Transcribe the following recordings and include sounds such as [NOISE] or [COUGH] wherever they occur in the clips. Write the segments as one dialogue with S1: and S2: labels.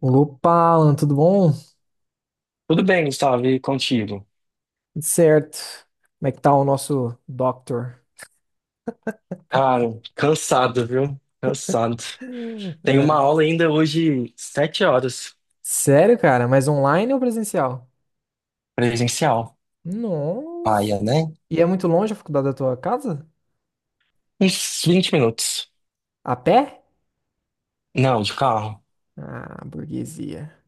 S1: Opa, Alan, tudo bom?
S2: Tudo bem, Gustavo, e contigo?
S1: Tudo certo. Como é que tá o nosso doctor?
S2: Cara, cansado, viu? Cansado. Tenho uma
S1: É,
S2: aula ainda hoje, sete horas,
S1: sério, cara? Mas online ou presencial?
S2: presencial.
S1: Nossa.
S2: Paia, né?
S1: E é muito longe a faculdade da tua casa?
S2: Uns vinte minutos.
S1: A pé?
S2: Não, de carro.
S1: Ah, burguesia.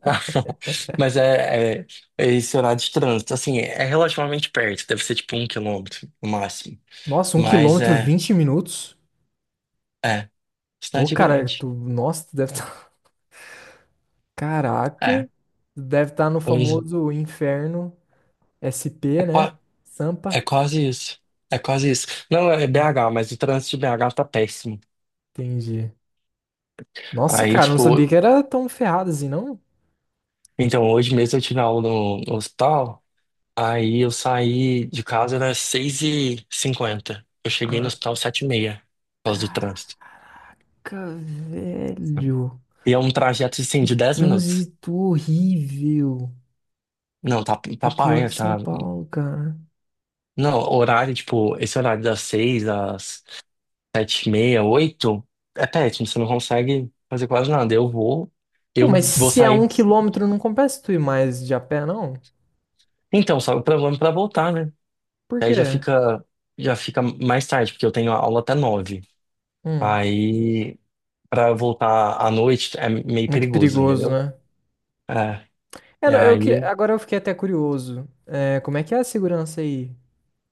S2: [LAUGHS] Mas é esse horário de trânsito. Assim, é relativamente perto, deve ser tipo um quilômetro no máximo.
S1: Nossa, um
S2: Mas
S1: quilômetro, 20 minutos?
S2: é,
S1: Pô,
S2: cidade
S1: cara,
S2: grande.
S1: tu, nossa, tu deve estar... [LAUGHS] Caraca,
S2: É,
S1: tu deve estar no
S2: pois é.
S1: famoso inferno
S2: É,
S1: SP, né?
S2: qua- É
S1: Sampa.
S2: quase isso. É quase isso. Não, é
S1: Hum,
S2: BH, mas o trânsito de BH tá péssimo.
S1: Entendi. Nossa,
S2: Aí,
S1: cara, não sabia que
S2: tipo,
S1: era tão ferrado assim, não?
S2: Então, hoje mesmo eu tive aula no hospital, aí eu saí de casa, era seis e cinquenta. Eu cheguei no
S1: Ah,
S2: hospital sete e meia por causa do trânsito.
S1: Caraca, velho.
S2: E é um trajeto,
S1: Que
S2: assim, de 10 minutos.
S1: trânsito horrível.
S2: Não, tá,
S1: Tá
S2: tá
S1: pior que
S2: paia,
S1: São
S2: tá...
S1: Paulo, cara.
S2: Não, horário, tipo, esse horário das 6 às sete e meia, oito, é péssimo, você não consegue fazer quase nada.
S1: Pô,
S2: Eu
S1: mas
S2: vou
S1: se é
S2: sair...
S1: 1 quilômetro, não compensa tu ir mais de a pé, não?
S2: Então, só o problema é pra voltar, né?
S1: Por
S2: Aí já
S1: quê?
S2: fica, já fica mais tarde, porque eu tenho aula até nove.
S1: Hum,
S2: Aí... pra voltar à noite é meio
S1: Muito
S2: perigoso,
S1: perigoso,
S2: entendeu?
S1: né?
S2: É.
S1: É,
S2: E
S1: não,
S2: aí,
S1: agora eu fiquei até curioso. É, como é que é a segurança aí?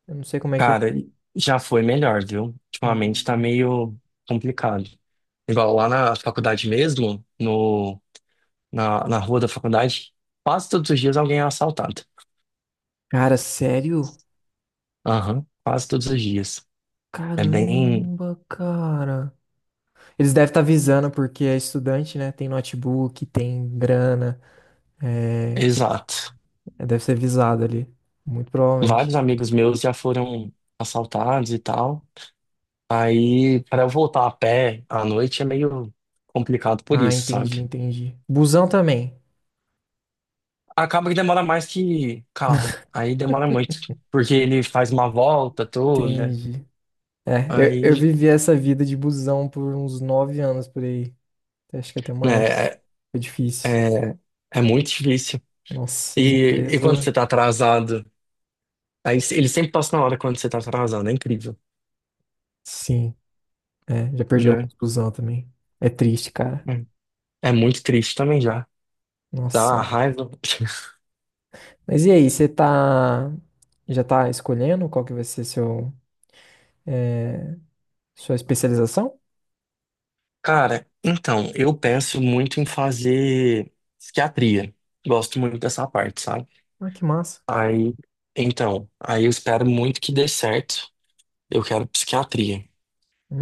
S1: Eu não sei como é que é.
S2: cara, já foi melhor, viu? Ultimamente tá
S1: Hum.
S2: meio complicado. Igual lá na faculdade mesmo, no, na, na rua da faculdade, quase todos os dias alguém é assaltado.
S1: Cara, sério?
S2: Aham, quase todos os dias. É bem
S1: Caramba, cara. Eles devem estar avisando porque é estudante, né? Tem notebook, tem grana, é,
S2: exato.
S1: é, deve ser visado ali. Muito
S2: Vários
S1: provavelmente.
S2: amigos meus já foram assaltados e tal. Aí, pra eu voltar a pé à noite é meio complicado por
S1: Ah,
S2: isso,
S1: entendi,
S2: sabe?
S1: entendi. Busão também.
S2: Acaba que demora mais que carro. Aí demora muito. Porque ele faz uma volta toda.
S1: Entendi. É, eu
S2: Aí,
S1: vivi essa vida de busão por uns 9 anos por aí. Acho que até
S2: né,
S1: mais.
S2: é,
S1: Foi difícil.
S2: é, é muito difícil.
S1: Nossa, as
S2: E quando
S1: empresas.
S2: você tá atrasado? Aí se- ele sempre passa na hora quando você tá atrasado. É incrível,
S1: Sim, é, já perdi
S2: né?
S1: alguns busão também. É triste, cara.
S2: É. É muito triste também já.
S1: Nossa
S2: Dá uma
S1: Senhora.
S2: raiva. [LAUGHS]
S1: Mas e aí, você tá. Já tá escolhendo qual que vai ser sua especialização?
S2: Cara, então, eu penso muito em fazer psiquiatria. Gosto muito dessa parte, sabe?
S1: Ah, que massa.
S2: Aí, então, aí eu espero muito que dê certo. Eu quero psiquiatria.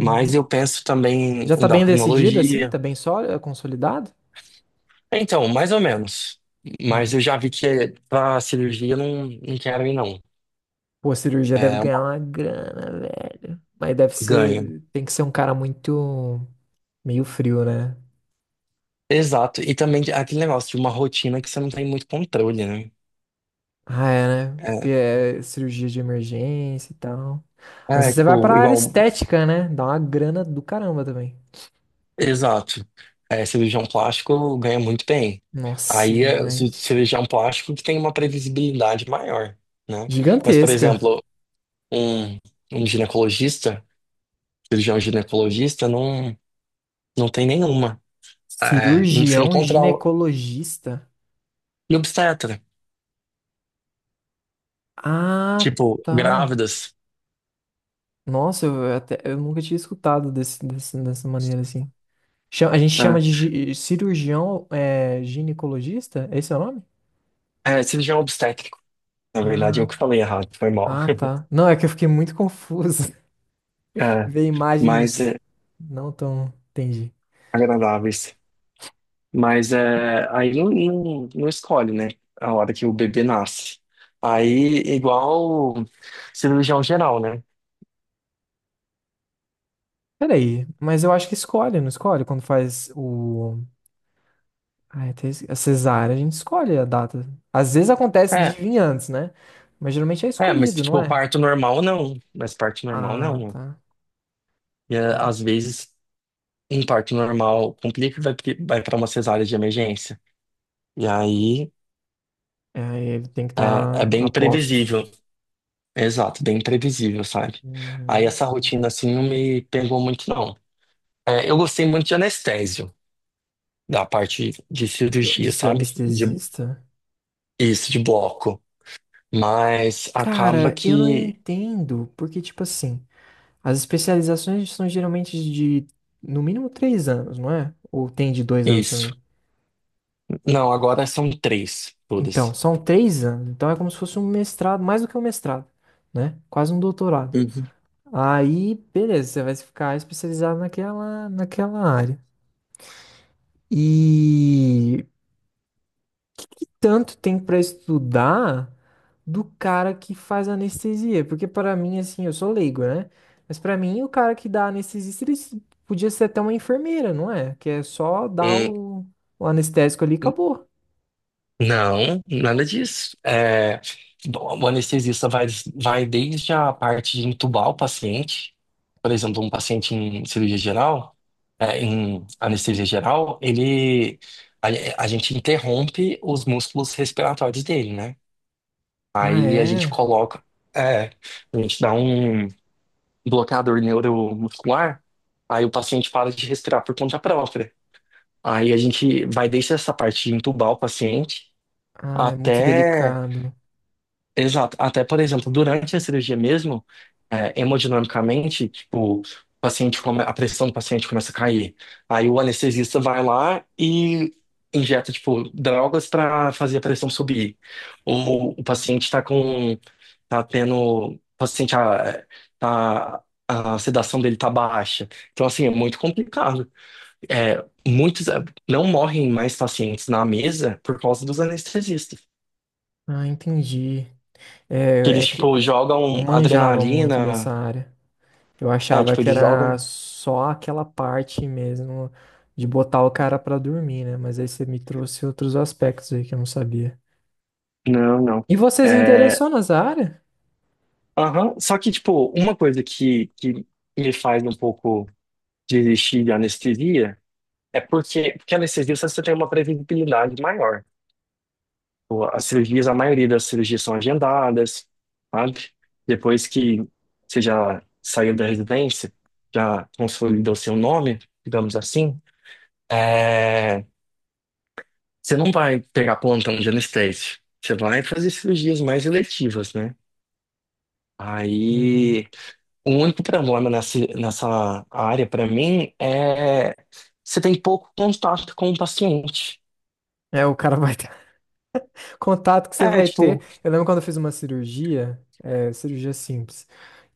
S2: Mas eu penso também em
S1: Já tá bem decidido assim?
S2: endocrinologia.
S1: Tá bem sólido, consolidado?
S2: Então, mais ou menos. Mas
S1: Hum.
S2: eu já vi que para cirurgia eu não quero ir, não.
S1: Pô, a cirurgia deve
S2: É
S1: ganhar
S2: uma
S1: uma grana, velho. Mas deve
S2: ganha.
S1: ser. Tem que ser um cara muito. Meio frio, né?
S2: Exato. E também de- aquele negócio de uma rotina que você não tem muito controle, né?
S1: Ah, é, né? Porque é cirurgia de emergência e tal. Não sei se você vai pra
S2: Tipo,
S1: área
S2: igual.
S1: estética, né? Dá uma grana do caramba também.
S2: Exato. É, cirurgião plástico ganha muito bem.
S1: Nossa,
S2: Aí é ci-
S1: demais.
S2: cirurgião plástico que tem uma previsibilidade maior, né? Mas, por
S1: Gigantesca.
S2: exemplo, um, um ginecologista, cirurgião ginecologista, não tem nenhuma. É, não- você não
S1: Cirurgião
S2: controla.
S1: ginecologista.
S2: E obstetra,
S1: Ah,
S2: tipo,
S1: tá.
S2: grávidas,
S1: Nossa, eu, até, eu nunca tinha escutado desse, dessa maneira assim. A gente chama
S2: né?
S1: de cirurgião, ginecologista? Esse é o nome?
S2: É, cirurgião obstétrico. Na verdade, eu
S1: Ah,
S2: que falei errado, foi mal.
S1: ah,
S2: [LAUGHS]
S1: tá. Não, é que eu fiquei muito confuso. [LAUGHS]
S2: É,
S1: Ver
S2: mas
S1: imagens
S2: é,
S1: não tão. Entendi.
S2: agradáveis. Mas é, aí não escolhe, né? A hora que o bebê nasce. Aí, igual cirurgião geral, né?
S1: Peraí, mas eu acho que escolhe, não escolhe? Quando faz o. Ai, a cesárea, a gente escolhe a data. Às vezes acontece de
S2: É,
S1: vir antes, né? Mas geralmente é
S2: mas
S1: escolhido, não
S2: tipo,
S1: é?
S2: parto normal não. Mas parto normal
S1: Ah,
S2: não.
S1: tá.
S2: E é,
S1: É.
S2: às vezes, um parto normal complica e vai para uma cesárea de emergência. E aí.
S1: É, aí ele tem que
S2: É, é
S1: estar
S2: bem
S1: a postos.
S2: imprevisível. Exato, bem imprevisível, sabe? Aí
S1: Hum,
S2: essa rotina assim não me pegou muito, não. É, eu gostei muito de anestésio, da parte de
S1: De
S2: cirurgia,
S1: ser
S2: sabe? De,
S1: anestesista?
S2: isso, de bloco. Mas acaba
S1: Cara, eu não
S2: que.
S1: entendo, porque, tipo assim, as especializações são geralmente de, no mínimo, 3 anos, não é? Ou tem de 2 anos
S2: Isso.
S1: também.
S2: Não, agora são três,
S1: Então,
S2: todas.
S1: são 3 anos, então é como se fosse um mestrado, mais do que um mestrado, né? Quase um doutorado.
S2: Uhum.
S1: Aí, beleza, você vai ficar especializado naquela área. E que tanto tem pra estudar do cara que faz anestesia? Porque pra mim, assim, eu sou leigo, né? Mas pra mim, o cara que dá anestesista, podia ser até uma enfermeira, não é? Que é só dar
S2: Hum.
S1: o anestésico ali e acabou.
S2: Não, nada disso. É, bom, o anestesista vai desde a parte de entubar o paciente, por exemplo, um paciente em cirurgia geral, é, em anestesia geral, ele a, a gente interrompe os músculos respiratórios dele, né?
S1: Ah,
S2: Aí a gente
S1: é?
S2: coloca, é, a gente dá um bloqueador neuromuscular, aí o paciente para de respirar por conta própria. Aí a gente vai desde essa parte de entubar o paciente
S1: Ah, é muito
S2: até.
S1: delicado.
S2: Exato. Até, por exemplo, durante a cirurgia mesmo, é, hemodinamicamente, tipo, o paciente come- a pressão do paciente começa a cair. Aí o anestesista vai lá e injeta, tipo, drogas para fazer a pressão subir. Ou o paciente está com, tá tendo, o paciente, a, tá- a sedação dele tá baixa. Então, assim, é muito complicado. É, muitos, é, não morrem mais pacientes na mesa por causa dos anestesistas.
S1: Ah, entendi.
S2: Que
S1: É,
S2: eles,
S1: é que
S2: tipo,
S1: eu não
S2: jogam
S1: manjava muito dessa
S2: adrenalina.
S1: área. Eu
S2: É,
S1: achava
S2: tipo,
S1: que
S2: eles
S1: era
S2: jogam.
S1: só aquela parte mesmo de botar o cara pra dormir, né? Mas aí você me trouxe outros aspectos aí que eu não sabia.
S2: Não, não.
S1: E você se
S2: É...
S1: interessou nessa área?
S2: aham. Só que, tipo, uma coisa que me faz um pouco desistir de anestesia é porque a anestesia você tem uma previsibilidade maior. Tipo, as cirurgias, a maioria das cirurgias são agendadas, sabe? Depois que você já saiu da residência, já consolidou seu nome, digamos assim. É, você não vai pegar plantão de anestésio. Você vai fazer cirurgias mais eletivas, né?
S1: Uhum.
S2: Aí, o único problema nessa área, pra mim, é você tem pouco contato com o paciente.
S1: É, o cara vai ter [LAUGHS] contato que você
S2: É,
S1: vai ter.
S2: tipo,
S1: Eu lembro quando eu fiz uma cirurgia, cirurgia simples.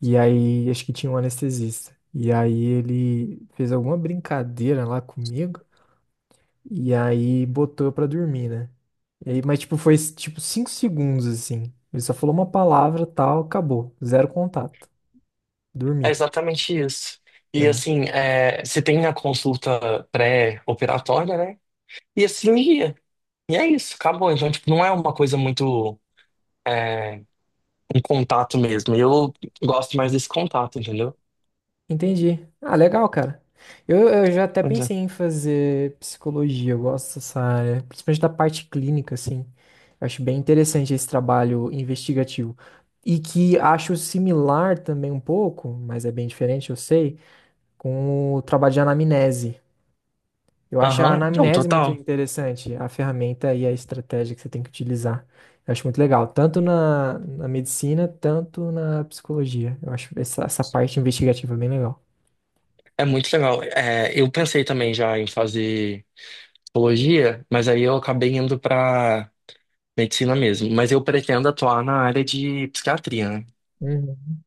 S1: E aí, acho que tinha um anestesista. E aí ele fez alguma brincadeira lá comigo. E aí botou eu pra dormir, né? E aí, mas tipo, foi tipo 5 segundos assim. Ele só falou uma palavra, tal, acabou. Zero contato.
S2: é
S1: Dormi,
S2: exatamente isso. E
S1: né?
S2: assim, é, você tem a consulta pré-operatória, né? E a cirurgia. E é isso, acabou. Então, tipo, não é uma coisa muito, é, um contato mesmo. Eu gosto mais desse contato, entendeu?
S1: Entendi. Ah, legal, cara. Eu já até
S2: Pois é.
S1: pensei em fazer psicologia, eu gosto dessa área, principalmente da parte clínica, assim. Eu acho bem interessante esse trabalho investigativo. E que acho similar também um pouco, mas é bem diferente, eu sei, com o trabalho de anamnese. Eu acho a
S2: Aham, não,
S1: anamnese muito
S2: total.
S1: interessante, a ferramenta e a estratégia que você tem que utilizar. Eu acho muito legal, tanto na medicina, tanto na psicologia. Eu acho essa parte investigativa bem legal.
S2: É muito legal. É, eu pensei também já em fazer psicologia, mas aí eu acabei indo pra medicina mesmo. Mas eu pretendo atuar na área de psiquiatria, né?
S1: Uhum.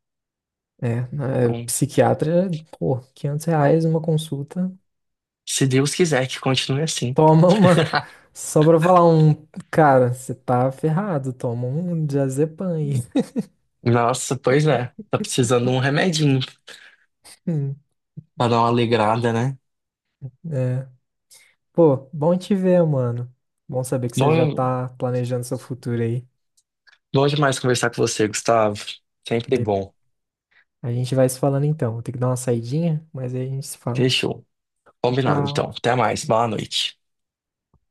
S1: É,
S2: Então,
S1: psiquiatra, pô, R$ 500 uma consulta.
S2: se Deus quiser que continue assim.
S1: Toma uma. [LAUGHS] Só pra falar um. Cara, você tá ferrado, toma um diazepam aí.
S2: Nossa, pois é. Tá precisando de um remedinho
S1: [LAUGHS]
S2: pra dar uma alegrada, né?
S1: Pô, bom te ver, mano. Bom saber que você já
S2: Bom,
S1: tá planejando seu futuro aí.
S2: bom demais conversar com você, Gustavo. Sempre
S1: Beleza.
S2: bom.
S1: A gente vai se falando então. Vou ter que dar uma saidinha, mas aí a gente se fala.
S2: Fechou. Combinado,
S1: Tchau.
S2: então. Até mais. Boa noite.